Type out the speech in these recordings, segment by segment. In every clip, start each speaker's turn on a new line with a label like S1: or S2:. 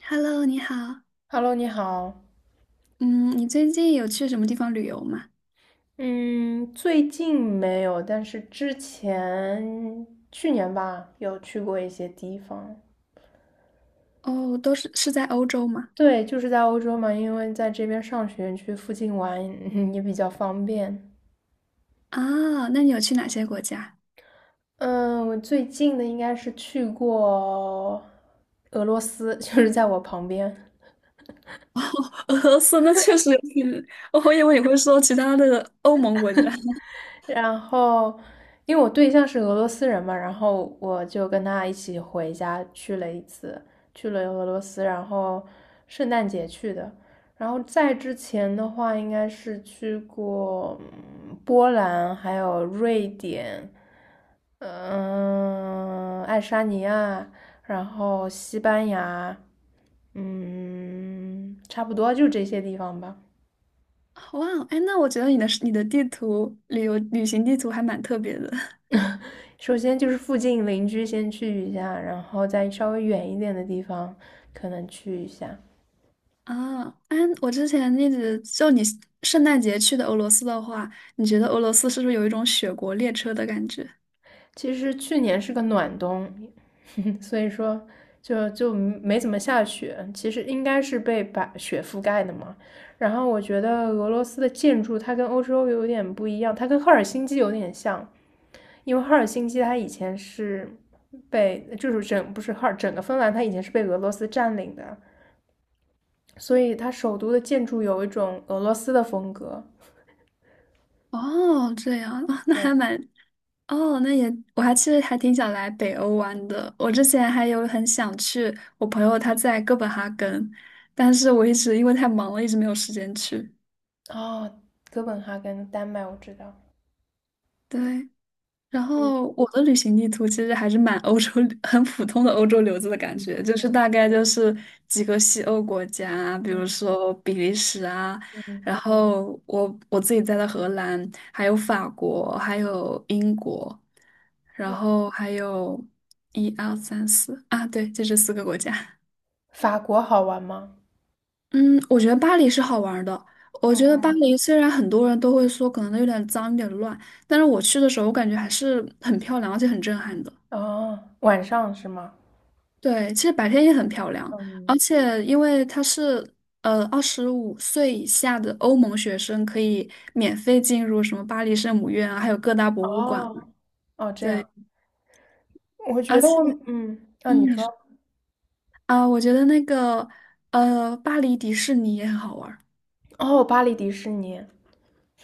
S1: Hello，你好。
S2: Hello，你好。
S1: 嗯，你最近有去什么地方旅游吗？
S2: 嗯，最近没有，但是之前去年吧，有去过一些地方。
S1: 哦，都是在欧洲吗？
S2: 对，就是在欧洲嘛，因为在这边上学，去附近玩也比较方便。
S1: 啊，那你有去哪些国家？
S2: 嗯，我最近的应该是去过俄罗斯，就是在我旁边。
S1: 俄罗斯那确实有点，我以为你会说其他的欧盟国家。
S2: 然后，因为我对象是俄罗斯人嘛，然后我就跟他一起回家去了一次，去了俄罗斯，然后圣诞节去的。然后在之前的话，应该是去过波兰，还有瑞典，爱沙尼亚，然后西班牙，差不多就这些地方吧。
S1: 哇哦，哎，那我觉得你的你的地图旅游旅行地图还蛮特别的。
S2: 首先就是附近邻居先去一下，然后再稍微远一点的地方可能去一下。
S1: 啊。哎，我之前一直就你圣诞节去的俄罗斯的话，你觉得俄罗斯是不是有一种雪国列车的感觉？
S2: 其实去年是个暖冬，所以说就没怎么下雪。其实应该是被把雪覆盖的嘛。然后我觉得俄罗斯的建筑它跟欧洲有点不一样，它跟赫尔辛基有点像，因为赫尔辛基它以前是被就是整不是赫尔整个芬兰它以前是被俄罗斯占领的，所以它首都的建筑有一种俄罗斯的风格。
S1: 哦，这样啊。 那还
S2: 对，
S1: 蛮哦，那也，我还其实还挺想来北欧玩的。我之前还有很想去，我朋友他在哥本哈根，但是我一直因为太忙了，一直没有时间去。
S2: 哦，哥本哈根，丹麦我知道。
S1: 对，然后我的旅行地图其实还是蛮欧洲，很普通的欧洲流子的感觉，就是大概就是几个西欧国家，比如
S2: 嗯
S1: 说比利时啊，
S2: 嗯，
S1: 然后我自己在的荷兰，还有法国，还有英国，然后还有一二三四啊，对，就这四个国家。
S2: 法国好玩吗？
S1: 嗯，我觉得巴黎是好玩儿的。我觉得巴
S2: 嗯，
S1: 黎虽然很多人都会说可能有点脏、有点乱，但是我去的时候，我感觉还是很漂亮，而且很震撼的。
S2: 哦，晚上是吗？
S1: 对，其实白天也很漂亮，
S2: 嗯，
S1: 而且因为它是25岁以下的欧盟学生可以免费进入什么巴黎圣母院啊，还有各大博物馆。
S2: 哦，哦，这
S1: 对，
S2: 样，我觉
S1: 而
S2: 得
S1: 且
S2: 我，你
S1: 你
S2: 说，
S1: 说啊，我觉得那个巴黎迪士尼也很好玩儿
S2: 哦，巴黎迪士尼，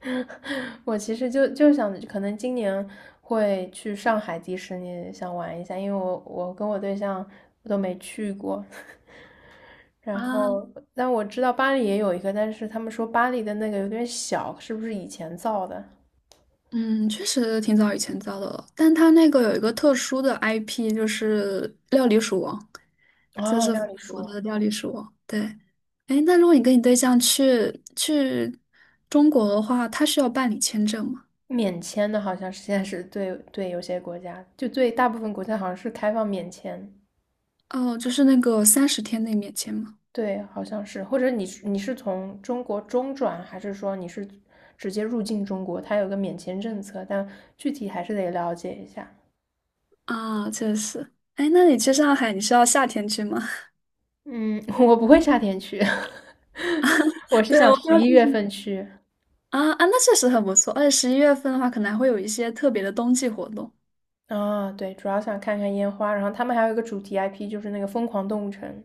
S2: 我其实就想，可能今年会去上海迪士尼，想玩一下，因为我跟我对象都没去过，然
S1: 啊。
S2: 后，但我知道巴黎也有一个，但是他们说巴黎的那个有点小，是不是以前造的？
S1: 嗯，确实挺早以前造的了，但它那个有一个特殊的 IP，就是料理鼠王，就
S2: 哦，
S1: 是法
S2: 让你
S1: 国
S2: 说，
S1: 的料理鼠王。对，哎，那如果你跟你对象去中国的话，他需要办理签证吗？
S2: 免签的好像是现在是，对对，有些国家，就对大部分国家好像是开放免签，
S1: 哦，就是那个30天内免签吗？
S2: 对，好像是，或者你是从中国中转，还是说你是直接入境中国？它有个免签政策，但具体还是得了解一下。
S1: 啊，确实。哎，那你去上海，你是要夏天去吗？
S2: 嗯，我不会夏天去，我 是
S1: 对，
S2: 想
S1: 我
S2: 十
S1: 刚
S2: 一月份去。
S1: 啊啊，那确实很不错，而且11月份的话，可能还会有一些特别的冬季活动。
S2: 啊，对，主要想看看烟花，然后他们还有一个主题 IP，就是那个疯狂动物城，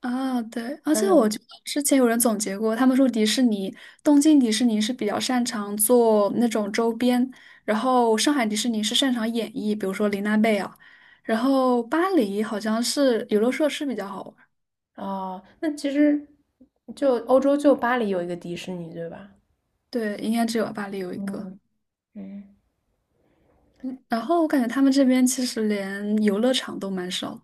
S1: 啊，对，
S2: 好
S1: 而
S2: 像
S1: 且我
S2: 有
S1: 觉得之前有人总结过，他们说迪士尼，东京迪士尼是比较擅长做那种周边，然后上海迪士尼是擅长演绎，比如说玲娜贝儿，然后巴黎好像是游乐设施比较好玩。
S2: 啊。那其实就欧洲就巴黎有一个迪士尼，对吧？
S1: 对，应该只有巴黎有一个。
S2: 嗯，嗯，
S1: 然后我感觉他们这边其实连游乐场都蛮少的。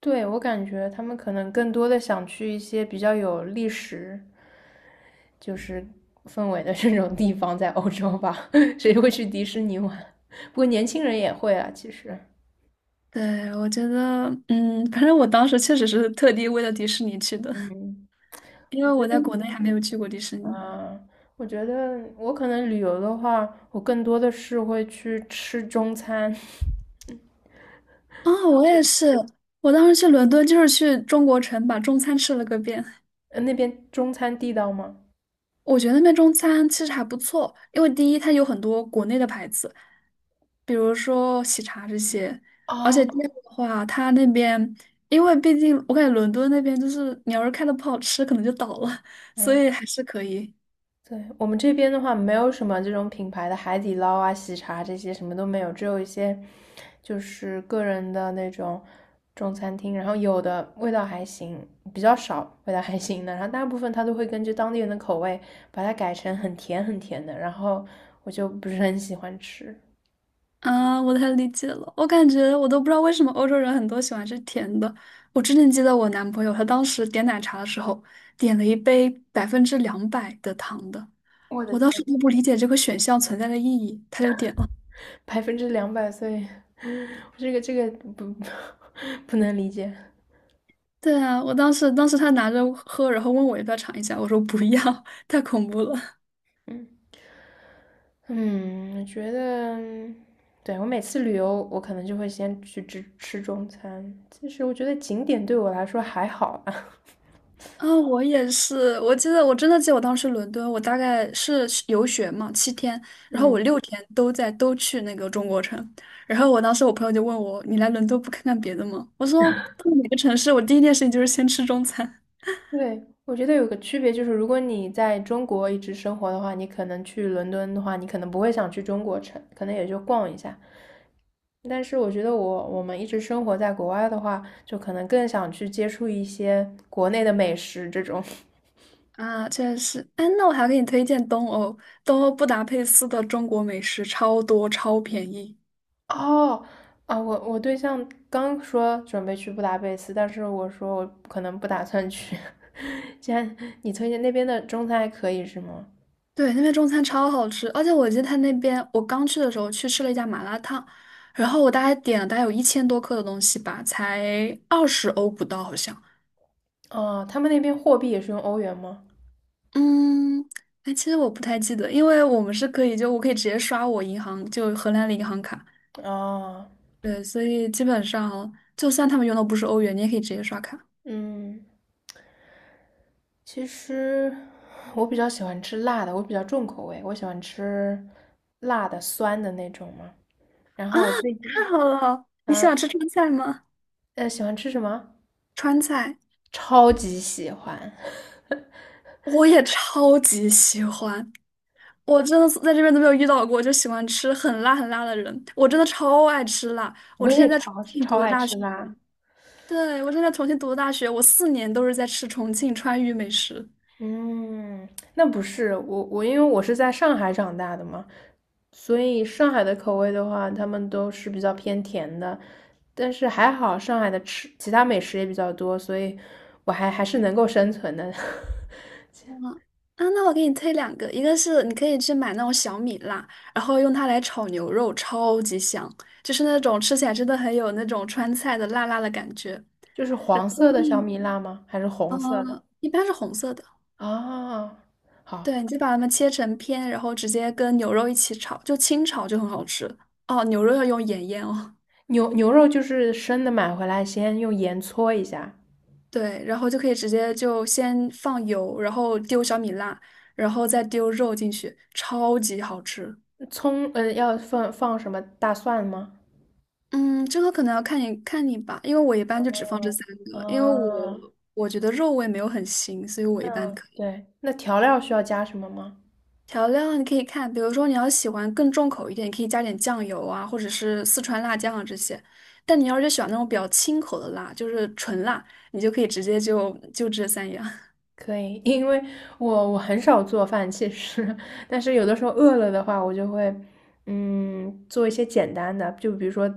S2: 对，我感觉他们可能更多的想去一些比较有历史就是氛围的这种地方，在欧洲吧，谁会去迪士尼玩？不过年轻人也会啊，其实。
S1: 对，我觉得，反正我当时确实是特地为了迪士尼去的，
S2: 嗯，
S1: 因
S2: 我
S1: 为
S2: 觉
S1: 我
S2: 得。
S1: 在国内还没有去过迪士尼。
S2: 啊，我觉得我可能旅游的话，我更多的是会去吃中餐。
S1: 哦，我也是。我当时去伦敦就是去中国城把中餐吃了个遍。
S2: 呃，那边中餐地道吗？
S1: 我觉得那边中餐其实还不错，因为第一它有很多国内的牌子，比如说喜茶这些。而且
S2: 哦，
S1: 第二的话，它那边因为毕竟我感觉伦敦那边就是你要是开的不好吃，可能就倒了，所
S2: 嗯，
S1: 以还是可以。
S2: 对，我们这边的话，没有什么这种品牌的海底捞啊、喜茶这些什么都没有，只有一些就是个人的那种中餐厅，然后有的味道还行，比较少味道还行的，然后大部分他都会根据当地人的口味把它改成很甜很甜的，然后我就不是很喜欢吃。
S1: 啊，我太理解了。我感觉我都不知道为什么欧洲人很多喜欢吃甜的。我之前记得我男朋友，他当时点奶茶的时候，点了一杯200%的糖的。
S2: 我的
S1: 我当时
S2: 天，
S1: 都不理解这个选项存在的意义，他就点了。
S2: 200%所岁，这个这个不 不能理解。
S1: 对啊，我当时他拿着喝，然后问我要不要尝一下，我说不要，太恐怖了。
S2: 嗯嗯，我觉得，对我每次旅游，我可能就会先去吃吃中餐。其实我觉得景点对我来说还好吧。
S1: 啊，我也是。我记得，我真的记得我当时伦敦，我大概是游学嘛，7天，然后我
S2: 嗯。
S1: 6天都去那个中国城。然后我当时我朋友就问我，你来伦敦不看看别的吗？我说到哪个城市，我第一件事情就是先吃中餐。
S2: 对，我觉得有个区别就是，如果你在中国一直生活的话，你可能去伦敦的话，你可能不会想去中国城，可能也就逛一下。但是我觉得我们一直生活在国外的话，就可能更想去接触一些国内的美食这种。
S1: 啊，确实。哎，那我还给你推荐东欧，东欧布达佩斯的中国美食超多，超便宜。
S2: 哦，啊，我对象刚说准备去布达佩斯，但是我说我可能不打算去。既然你推荐那边的中餐还可以是吗？
S1: 对，那边中餐超好吃，而且我记得他那边，我刚去的时候去吃了一家麻辣烫，然后我大概点了大概有1000多克的东西吧，才20欧不到好像。
S2: 哦，他们那边货币也是用欧元吗？
S1: 嗯，哎，其实我不太记得，因为我可以直接刷我银行就荷兰的银行卡，
S2: 啊，
S1: 对，所以基本上就算他们用的不是欧元，你也可以直接刷卡。
S2: 嗯。其实我比较喜欢吃辣的，我比较重口味，我喜欢吃辣的、酸的那种嘛。然
S1: 啊，
S2: 后我最
S1: 太
S2: 近，
S1: 好了！你喜
S2: 嗯
S1: 欢吃川菜吗？
S2: 喜欢吃什么？
S1: 川菜
S2: 超级喜欢，
S1: 我也超级喜欢，我真的是在这边都没有遇到过，就喜欢吃很辣很辣的人。我真的超爱吃辣。我
S2: 我
S1: 之前
S2: 也
S1: 在重
S2: 超
S1: 庆
S2: 超
S1: 读的
S2: 爱
S1: 大
S2: 吃
S1: 学，
S2: 辣。
S1: 对，我之前在重庆读的大学，我4年都是在吃重庆川渝美食。
S2: 嗯，那不是我，因为我是在上海长大的嘛，所以上海的口味的话，他们都是比较偏甜的。但是还好，上海的吃其他美食也比较多，所以我还是能够生存的。
S1: 嗯啊，那我给你推两个，一个是你可以去买那种小米辣，然后用它来炒牛肉，超级香，就是那种吃起来真的很有那种川菜的辣辣的感觉。
S2: 就是黄色的小
S1: 嗯。
S2: 米辣吗？还是红色的？
S1: 一般是红色的。
S2: 啊，好，
S1: 对，你就把它们切成片，然后直接跟牛肉一起炒，就清炒就很好吃。哦，牛肉要用盐腌哦。
S2: 牛肉就是生的买回来，先用盐搓一下，
S1: 对，然后就可以直接就先放油，然后丢小米辣，然后再丢肉进去，超级好吃。
S2: 葱，要放放什么大蒜吗？
S1: 嗯，这个可能要看你看你吧，因为我一般就只放这三个，因为我
S2: 啊，
S1: 我觉得肉味没有很腥，所以我一般
S2: 那
S1: 可以。
S2: 对，那调料需要加什么吗？
S1: 调料你可以看，比如说你要喜欢更重口一点，你可以加点酱油啊，或者是四川辣酱啊这些。但你要是喜欢那种比较清口的辣，就是纯辣，你就可以直接就这三样。
S2: 可以，因为我很少做饭，其实，但是有的时候饿了的话，我就会，嗯，做一些简单的，就比如说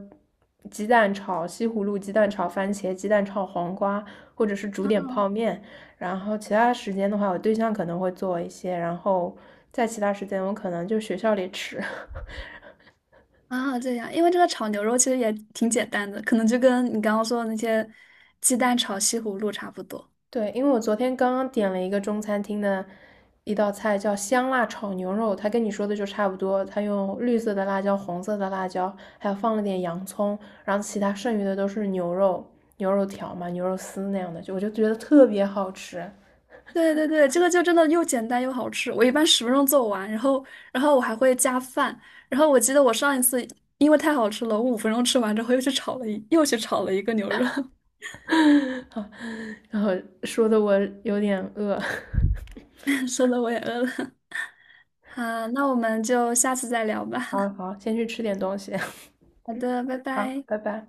S2: 鸡蛋炒西葫芦、鸡蛋炒番茄、鸡蛋炒黄瓜，或者是煮点泡面。然后其他时间的话，我对象可能会做一些，然后在其他时间我可能就学校里吃。
S1: 啊，这样。因为这个炒牛肉其实也挺简单的，可能就跟你刚刚说的那些鸡蛋炒西葫芦差不多。
S2: 对，因为我昨天刚刚点了一个中餐厅的一道菜，叫香辣炒牛肉，它跟你说的就差不多。它用绿色的辣椒、红色的辣椒，还有放了点洋葱，然后其他剩余的都是牛肉、牛肉条嘛、牛肉丝那样的，就我就觉得特别好吃。
S1: 对对对，这个就真的又简单又好吃。我一般10分钟做完，然后我还会加饭。然后我记得我上一次因为太好吃了，我5分钟吃完之后又去炒了一个牛肉。
S2: 啊，然后说的我有点饿。
S1: 说的我也饿了。好，那我们就下次再聊吧。
S2: 好 好，先去吃点东西。
S1: 好的，拜
S2: 好，
S1: 拜。
S2: 拜拜。